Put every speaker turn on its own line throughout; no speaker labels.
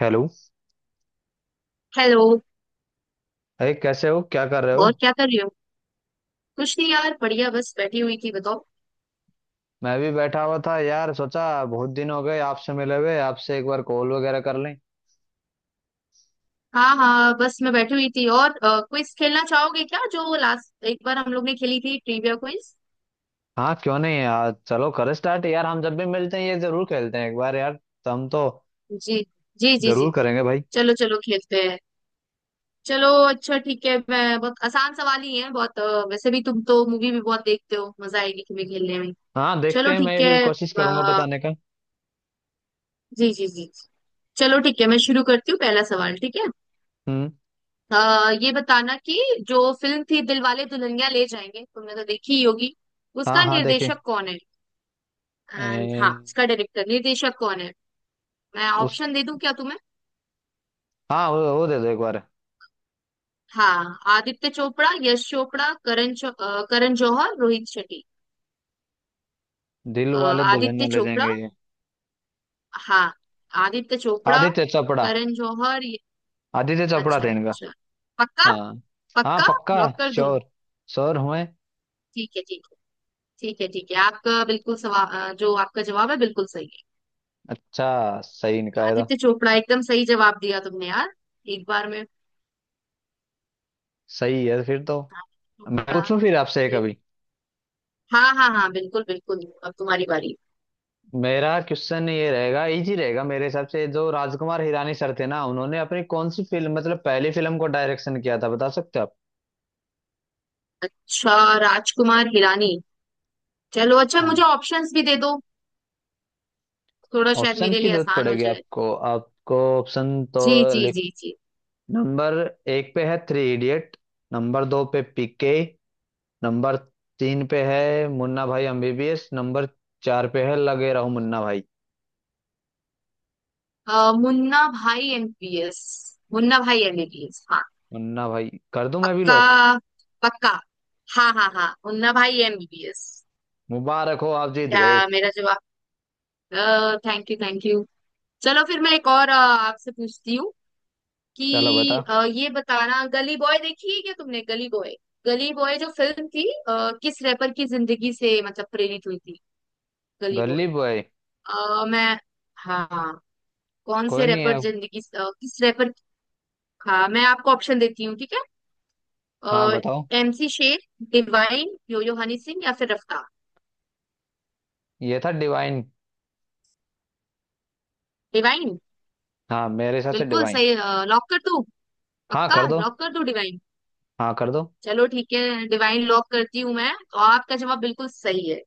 Hello.
Hello.
अरे कैसे हो, क्या कर रहे
और
हो?
क्या कर रही हो। कुछ नहीं यार, बढ़िया, बस बैठी हुई थी, बताओ।
मैं भी बैठा हुआ था यार, सोचा बहुत दिन हो गए आपसे मिले हुए, आपसे एक बार कॉल वगैरह कर लें।
हाँ हाँ, बस मैं बैठी हुई थी। और क्विज खेलना चाहोगे क्या, जो लास्ट एक बार हम लोग ने खेली थी ट्रिविया क्विज।
हाँ, क्यों नहीं यार, चलो करें स्टार्ट। यार हम जब भी मिलते हैं ये जरूर खेलते हैं एक बार यार। तो हम तो
जी जी जी
जरूर
जी।
करेंगे भाई।
चलो चलो खेलते हैं। चलो अच्छा ठीक है, मैं बहुत आसान सवाल ही है, बहुत वैसे भी तुम तो मूवी भी बहुत देखते हो, मजा आएगी तुम्हें खेलने में।
हाँ देखते
चलो
हैं, मैं
ठीक है।
भी कोशिश करूंगा
अ,
बताने का।
जी जी जी। चलो ठीक है, मैं शुरू करती हूँ पहला सवाल, ठीक है।
हम्म।
ये बताना कि जो फिल्म थी दिलवाले दुल्हनिया ले जाएंगे, तुमने तो देखी ही होगी,
हाँ
उसका
हाँ देखे।
निर्देशक कौन है।
ए,
एंड हाँ, उसका डायरेक्टर निर्देशक कौन है। मैं
उस
ऑप्शन दे दूं क्या तुम्हें।
हाँ वो दे दो एक बार।
हाँ, आदित्य चोपड़ा, यश चोपड़ा, करण जौहर, रोहित शेट्टी।
दिल
अ,
वाले
आदित्य
दुल्हनिया ले
चोपड़ा।
जाएंगे ये?
हाँ, आदित्य चोपड़ा,
आदित्य चोपड़ा।
करण जौहर, ये-।
आदित्य चोपड़ा
अच्छा
थे इनका।
अच्छा। पक्का।
हाँ, हाँ
पक्का।
पक्का।
लॉक कर दूं।
श्योर। श्योर हुए।
ठीक है ठीक है। ठीक है ठीक है, आपका बिल्कुल सवा जो आपका जवाब है बिल्कुल सही है।
अच्छा, सही निकाला था।
आदित्य चोपड़ा, एकदम सही जवाब दिया तुमने यार, एक बार में।
सही है फिर तो।
आदित्य
मैं
चोपड़ा।
पूछूं फिर आपसे
जी
कभी?
जी। हाँ हाँ हाँ, बिल्कुल बिल्कुल, अब तुम्हारी बारी।
मेरा क्वेश्चन ये रहेगा, इजी रहेगा मेरे हिसाब से। जो राजकुमार हिरानी सर थे ना, उन्होंने अपनी कौन सी फिल्म मतलब पहली फिल्म को डायरेक्शन किया था, बता सकते हो आप?
अच्छा, राजकुमार हिरानी। चलो अच्छा,
हाँ
मुझे ऑप्शंस भी दे दो, थोड़ा शायद
ऑप्शन
मेरे
की
लिए
जरूरत
आसान हो
पड़ेगी
जाए।
आपको, आपको ऑप्शन तो
जी जी
लिख।
जी जी।
नंबर एक पे है थ्री इडियट। नंबर दो पे पीके। नंबर तीन पे है मुन्ना भाई एमबीबीएस। नंबर चार पे है लगे रहो मुन्ना भाई।
मुन्ना भाई एमबीबीएस। मुन्ना भाई एमबीबीएस, हाँ।
मुन्ना भाई कर दूं मैं भी
पक्का।
लॉक।
पक्का। हाँ हाँ हाँ, मुन्ना भाई एमबीबीएस।
मुबारक हो, आप जीत
क्या,
गए।
मेरा जवाब। Thank you thank you. चलो फिर मैं एक और आपसे पूछती हूँ
चलो बता।
कि ये बताना, गली बॉय देखी है क्या तुमने, गली बॉय। गली बॉय जो फिल्म थी, किस रैपर की जिंदगी से मतलब प्रेरित हुई थी, गली बॉय।
Gully boy.
अ, मैं हाँ। कौन
कोई
से
नहीं है
रैपर
अब।
जिंदगी से- अ, किस रैपर। हाँ, मैं आपको ऑप्शन देती हूँ, ठीक है।
हाँ बताओ।
MC Sher, Divine, Yo Yo Honey Singh, या फिर रफ्तार।
ये था डिवाइन।
डिवाइन।
हाँ मेरे हिसाब से
बिल्कुल
डिवाइन।
सही। लॉक कर दूँ।
हाँ
पक्का
कर दो।
लॉक कर दूँ, डिवाइन।
हाँ कर दो।
चलो ठीक है, डिवाइन लॉक करती हूँ मैं तो, आपका जवाब बिल्कुल सही है।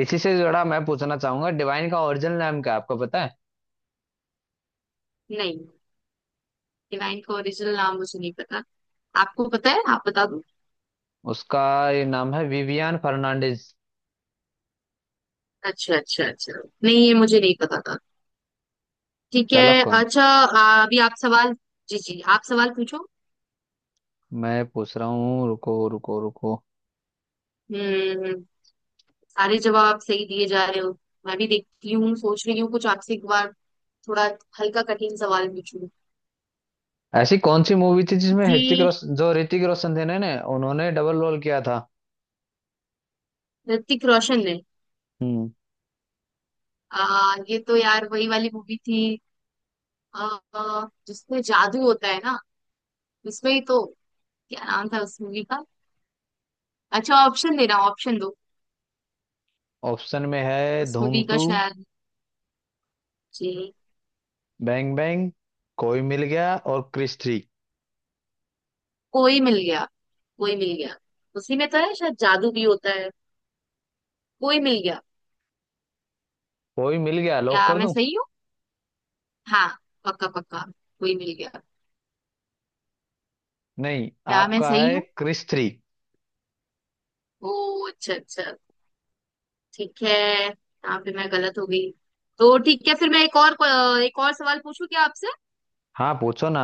इसी से जुड़ा मैं पूछना चाहूंगा, डिवाइन का ओरिजिनल नाम क्या है, आपको पता है?
नहीं, डिवाइन का ओरिजिनल नाम मुझे नहीं पता। आपको पता है, आप बता दो।
उसका ये नाम है विवियान फर्नांडिस।
अच्छा अच्छा अच्छा, नहीं ये मुझे नहीं पता था। ठीक
चलो
है,
कौन।
अच्छा, अभी आप सवाल। जी जी, आप सवाल पूछो।
मैं पूछ रहा हूँ, रुको रुको रुको।
हम्म। सारे जवाब सही दिए जा रहे हो। मैं भी देखती हूँ, सोच रही हूँ कुछ आपसे, एक बार थोड़ा हल्का कठिन सवाल पूछूं।
ऐसी कौन सी मूवी थी जिसमें ऋतिक
जी,
रोशन, जो ऋतिक रोशन थे ना ना, उन्होंने डबल रोल किया था?
ऋतिक रोशन ने।
हम्म।
ये तो यार वही वाली मूवी थी, आ, जिसमें जादू होता है ना, उसमें ही तो। क्या नाम था उस मूवी का। अच्छा, ऑप्शन देना, ऑप्शन दो।
ऑप्शन में है
उस
धूम
मूवी का
टू,
शायद। जी।
बैंग बैंग, कोई मिल गया और क्रिश थ्री।
कोई मिल गया। कोई मिल गया, उसी में तो है शायद, जादू भी होता है। कोई मिल गया,
कोई मिल गया, लॉक
क्या
कर
मैं
दूं?
सही हूँ। हाँ, पक्का पक्का, कोई मिल गया।
नहीं,
क्या मैं
आपका
सही
है
हूँ।
क्रिस थ्री।
ओ, अच्छा अच्छा, ठीक है, यहाँ पे मैं गलत हो गई। तो ठीक है, फिर मैं एक और सवाल पूछूं क्या आपसे।
हाँ पूछो ना।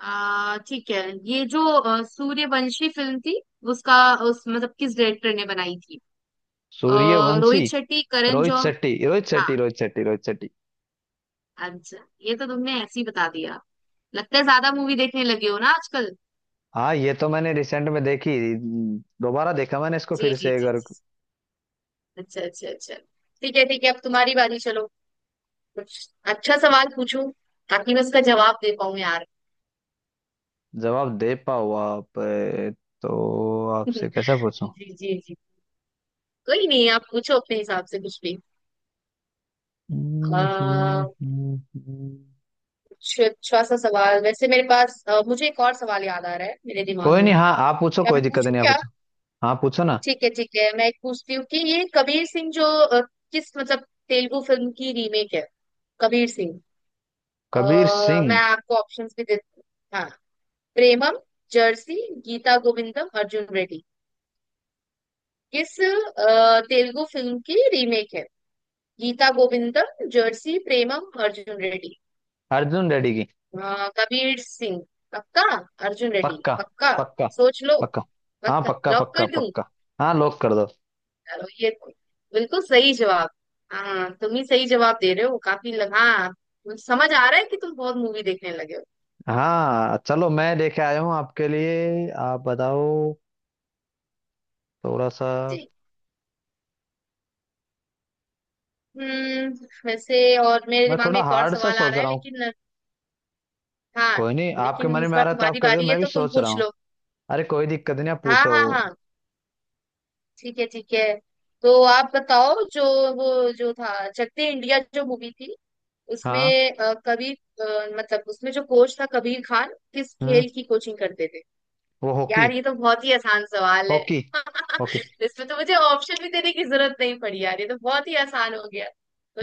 आ, ठीक है, ये जो सूर्यवंशी फिल्म थी, उसका उस मतलब किस डायरेक्टर ने बनाई थी।
सूर्यवंशी।
रोहित शेट्टी, करण
रोहित
जौहर।
शेट्टी, रोहित
हाँ।
शेट्टी, रोहित शेट्टी, रोहित शेट्टी।
अच्छा, ये तो तुमने ऐसे ही बता दिया, लगता है ज्यादा मूवी देखने लगे हो ना आजकल।
हाँ, ये तो मैंने रिसेंट में देखी, दोबारा देखा मैंने इसको
जी
फिर
जी
से
जी
अगर।
जी। अच्छा अच्छा अच्छा। ठीक है ठीक है, अब तुम्हारी बारी। चलो, कुछ अच्छा सवाल पूछो, ताकि मैं उसका जवाब दे पाऊं यार।
जवाब दे पाओ आप, तो आपसे कैसे पूछूं?
जी जी जी, कोई नहीं, आप पूछो अपने हिसाब से कुछ भी।
हम्म, हम्म,
आ,
हम्म, हम्म।
कुछ अच्छा सा सवाल वैसे मेरे पास, मुझे एक और सवाल याद आ रहा है मेरे दिमाग
कोई
में।
नहीं, हाँ आप पूछो,
क्या
कोई
मैं
दिक्कत
पूछूं
नहीं, आप
क्या।
पूछो। हाँ पूछो ना।
ठीक है ठीक है, मैं एक पूछती हूँ कि ये कबीर सिंह जो किस मतलब तेलुगु फिल्म की रीमेक है, कबीर सिंह। अ,
कबीर
मैं
सिंह।
आपको ऑप्शंस भी दे, हाँ। प्रेमम, जर्सी, गीता गोविंदम, अर्जुन रेड्डी। किस तेलुगु फिल्म की रीमेक है। गीता गोविंदम, जर्सी, प्रेमम, अर्जुन रेड्डी।
अर्जुन रेड्डी की।
कबीर सिंह। पक्का, अर्जुन रेड्डी
पक्का,
पक्का।
पक्का,
सोच लो।
पक्का। हाँ
पक्का
पक्का,
लॉक
पक्का,
कर दूं।
पक्का। हाँ लॉक कर दो।
चलो, ये तो बिल्कुल सही जवाब। हाँ, तुम ही सही जवाब दे रहे हो काफी, लगा हाँ मुझे समझ आ रहा है कि तुम बहुत मूवी देखने लगे हो।
हाँ चलो, मैं लेके आया हूँ आपके लिए, आप बताओ। थोड़ा सा
जी। हम्म, वैसे और मेरे
मैं
दिमाग में
थोड़ा
एक और
हार्ड सा
सवाल आ
सोच
रहा है,
रहा हूँ।
लेकिन हाँ,
कोई नहीं, आपके
लेकिन
मन
इस
में आ
बार
रहा है तो आप
तुम्हारी
कहते हो,
बारी है
मैं भी
तो तुम
सोच रहा
पूछ
हूँ।
लो।
अरे कोई दिक्कत नहीं, आप
हाँ
पूछो।
हाँ हाँ, ठीक है ठीक है। तो आप बताओ जो वो जो था चकते इंडिया जो मूवी थी, उसमें
हाँ।
कबीर, मतलब उसमें जो कोच था कबीर खान, किस
हम्म।
खेल की कोचिंग करते थे।
वो हॉकी।
यार ये तो बहुत ही आसान सवाल है।
हॉकी। हॉकी।
इसमें तो मुझे ऑप्शन भी देने की जरूरत नहीं पड़ी यार, ये तो बहुत ही आसान हो गया।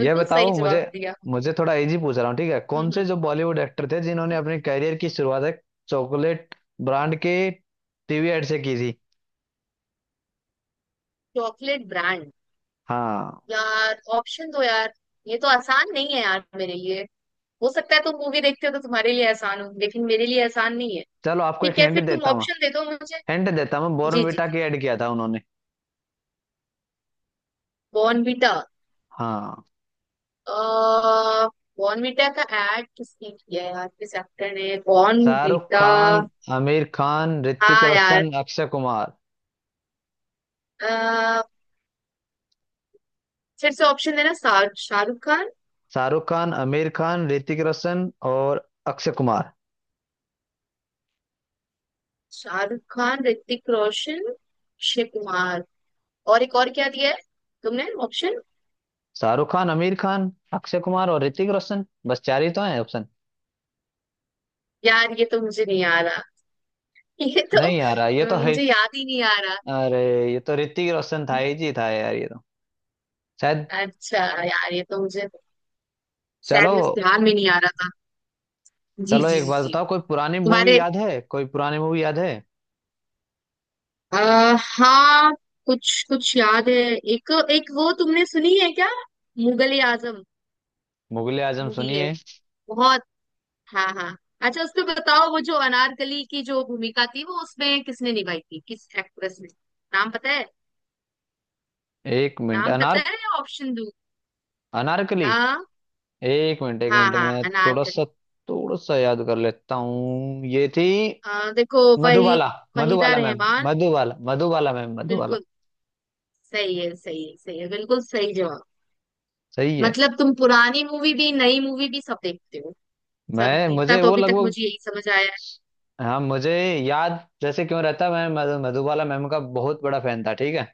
ये
सही
बताओ मुझे,
जवाब दिया, हम्म।
मुझे थोड़ा इजी पूछ रहा हूँ, ठीक है। कौन से
हम्म,
जो बॉलीवुड एक्टर थे जिन्होंने
हम्म।
अपने करियर की शुरुआत एक चॉकलेट ब्रांड के टीवी एड से की थी?
चॉकलेट ब्रांड,
हाँ।
यार ऑप्शन दो यार, ये तो आसान नहीं है यार मेरे लिए। हो सकता है तुम मूवी देखते हो तो तुम्हारे लिए आसान हो, लेकिन मेरे लिए आसान नहीं है।
चलो आपको एक
ठीक है,
हिंट
फिर तुम
देता हूँ,
ऑप्शन दे दो मुझे।
हिंट देता हूँ,
जी जी।
बॉर्नविटा की ऐड किया था उन्होंने।
बॉर्नवीटा,
हाँ।
अह, बॉर्नवीटा का एड किसने किया है यार, किस एक्टर ने
शाहरुख
बॉर्नवीटा।
खान, आमिर खान, ऋतिक
हाँ यार,
रोशन, अक्षय कुमार।
अह, फिर से ऑप्शन देना, शाहरुख खान।
शाहरुख खान, आमिर खान, ऋतिक रोशन और अक्षय कुमार।
शाहरुख खान, ऋतिक रोशन, अक्षय कुमार, और एक और क्या दिया है तुमने ऑप्शन।
शाहरुख खान, आमिर खान, अक्षय कुमार और ऋतिक रोशन, बस चार ही तो हैं ऑप्शन।
यार ये तो मुझे नहीं आ रहा। ये तो
नहीं यार ये तो है।
मुझे याद ही नहीं आ रहा।
अरे ये तो ऋतिक रोशन था ही जी, था यार ये तो शायद।
अच्छा, यार ये तो मुझे, शायद
चलो।
मुझे ध्यान में नहीं आ रहा था। जी
चलो
जी
एक
जी
बात
जी।
बताओ, कोई पुरानी मूवी
तुम्हारे
याद है, कोई पुरानी मूवी याद है?
हाँ, कुछ कुछ याद है एक एक, वो तुमने सुनी है क्या, मुगले आजम
मुगले आजम
मूवी है
सुनिए।
बहुत। हाँ हाँ। अच्छा, उसमें बताओ वो जो अनारकली की जो भूमिका थी, वो उसमें किसने निभाई थी, किस एक्ट्रेस ने। नाम पता है,
एक मिनट,
नाम पता
अनार,
है या ऑप्शन दो।
अनारकली,
हाँ
एक मिनट, एक
हाँ
मिनट,
हाँ,
मैं थोड़ा
अनारकली।
सा, थोड़ा सा याद कर लेता हूँ, ये थी
देखो वही,
मधुबाला।
वहीदा
मधुबाला मैम,
रहमान।
मधुबाला, मधुबाला मैम, मधुबाला।
बिल्कुल सही है, सही है सही है, बिल्कुल सही जवाब।
सही है।
मतलब तुम पुरानी मूवी भी नई मूवी भी सब देखते हो, सब,
मैं
इतना
मुझे
तो
वो
अभी तक
लगभग।
मुझे यही समझ आया है।
हाँ मुझे याद जैसे क्यों रहता, मैं मधुबाला मैम का बहुत बड़ा फैन था, ठीक है,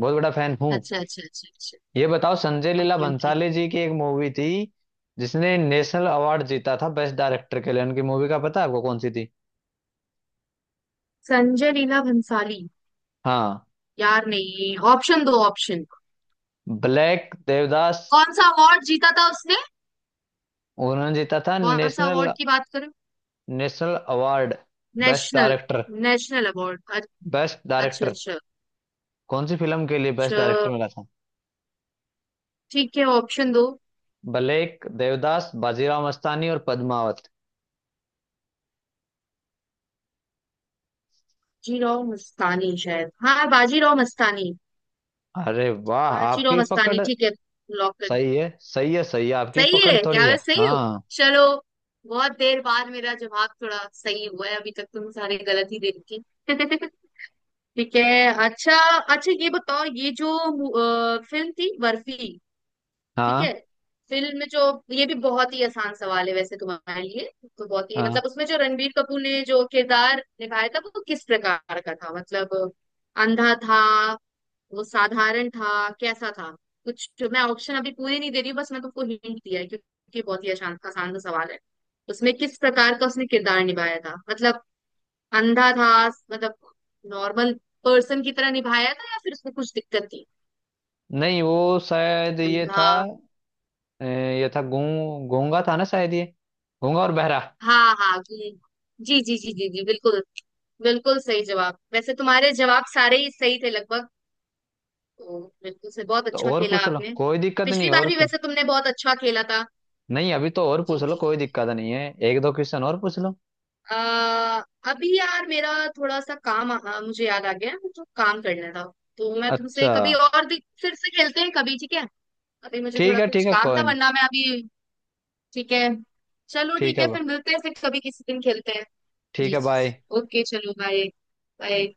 बहुत बड़ा फैन हूँ।
अच्छा अच्छा अच्छा अच्छा।
ये बताओ, संजय लीला
ओके ओके,
भंसाली जी की एक मूवी थी जिसने नेशनल अवार्ड जीता था बेस्ट डायरेक्टर के लिए, उनकी मूवी का पता है आपको कौन सी थी?
संजय लीला भंसाली।
हाँ,
यार नहीं, ऑप्शन दो ऑप्शन।
ब्लैक, देवदास।
कौन सा अवार्ड जीता था उसने।
उन्होंने जीता था
कौन सा
नेशनल।
अवार्ड की बात करें।
National award. Best
national,
director.
National award.
Best
अच्छा
डायरेक्टर।
अच्छा
कौन सी फिल्म के लिए
अच्छा।
बेस्ट डायरेक्टर मिला था?
ठीक है, ऑप्शन दो।
ब्लेक, देवदास, बाजीराव मस्तानी और पद्मावत।
बाजीराव मस्तानी शायद, हाँ बाजीराव मस्तानी।
अरे वाह,
बाजीराव
आपकी पकड़।
मस्तानी, ठीक है, लॉक कर।
सही है, सही है, सही है, आपकी
सही
पकड़
है,
थोड़ी
क्या
है
मैं सही हूँ।
हाँ।
चलो, बहुत देर बाद मेरा जवाब थोड़ा सही हुआ है, अभी तक तुम सारे गलत ही दे रखे। ठीक है, अच्छा अच्छा, ये बताओ, ये जो फिल्म थी बर्फी, ठीक है,
हाँ
फिल्म में जो, ये भी बहुत ही आसान सवाल है वैसे तुम्हारे लिए, तो बहुत ही
हाँ।
मतलब उसमें जो रणबीर कपूर ने जो किरदार निभाया था वो किस प्रकार का था, मतलब अंधा था, वो साधारण था, कैसा था, कुछ, मैं ऑप्शन अभी पूरे नहीं दे रही हूँ, बस मैं तुमको हिंट दिया है, क्योंकि बहुत ही आसान आसान सा सवाल है। उसमें किस प्रकार का उसने किरदार निभाया था, मतलब अंधा था, मतलब नॉर्मल पर्सन की तरह निभाया था, या फिर उसमें कुछ दिक्कत थी।
नहीं वो शायद ये
अंधा।
था। ये था गूंगा था ना शायद, ये गूंगा और बहरा।
हाँ हाँ, जी जी जी जी जी जी, बिल्कुल बिल्कुल सही जवाब, वैसे तुम्हारे जवाब सारे ही सही थे लगभग, तो बिल्कुल से बहुत
तो
अच्छा
और
खेला
पूछ लो,
आपने,
कोई दिक्कत
पिछली
नहीं,
बार
और
भी
क्यों
वैसे तुमने बहुत अच्छा खेला था।
नहीं, अभी तो और
जी
पूछ लो,
जी।
कोई दिक्कत नहीं है, एक दो क्वेश्चन और पूछ लो।
आ, अभी यार मेरा थोड़ा सा काम, मुझे याद आ गया है मुझे काम करना था, तो मैं तुमसे
अच्छा
कभी और दिन फिर से खेलते हैं कभी, ठीक है। अभी मुझे थोड़ा
ठीक है,
कुछ
ठीक है
काम था,
कोई नहीं।
वरना मैं अभी, ठीक है। चलो
ठीक
ठीक
है,
है, फिर मिलते हैं, फिर कभी किसी दिन खेलते हैं।
ठीक
जी
है
जी,
बाय।
ओके, चलो बाय। बाय।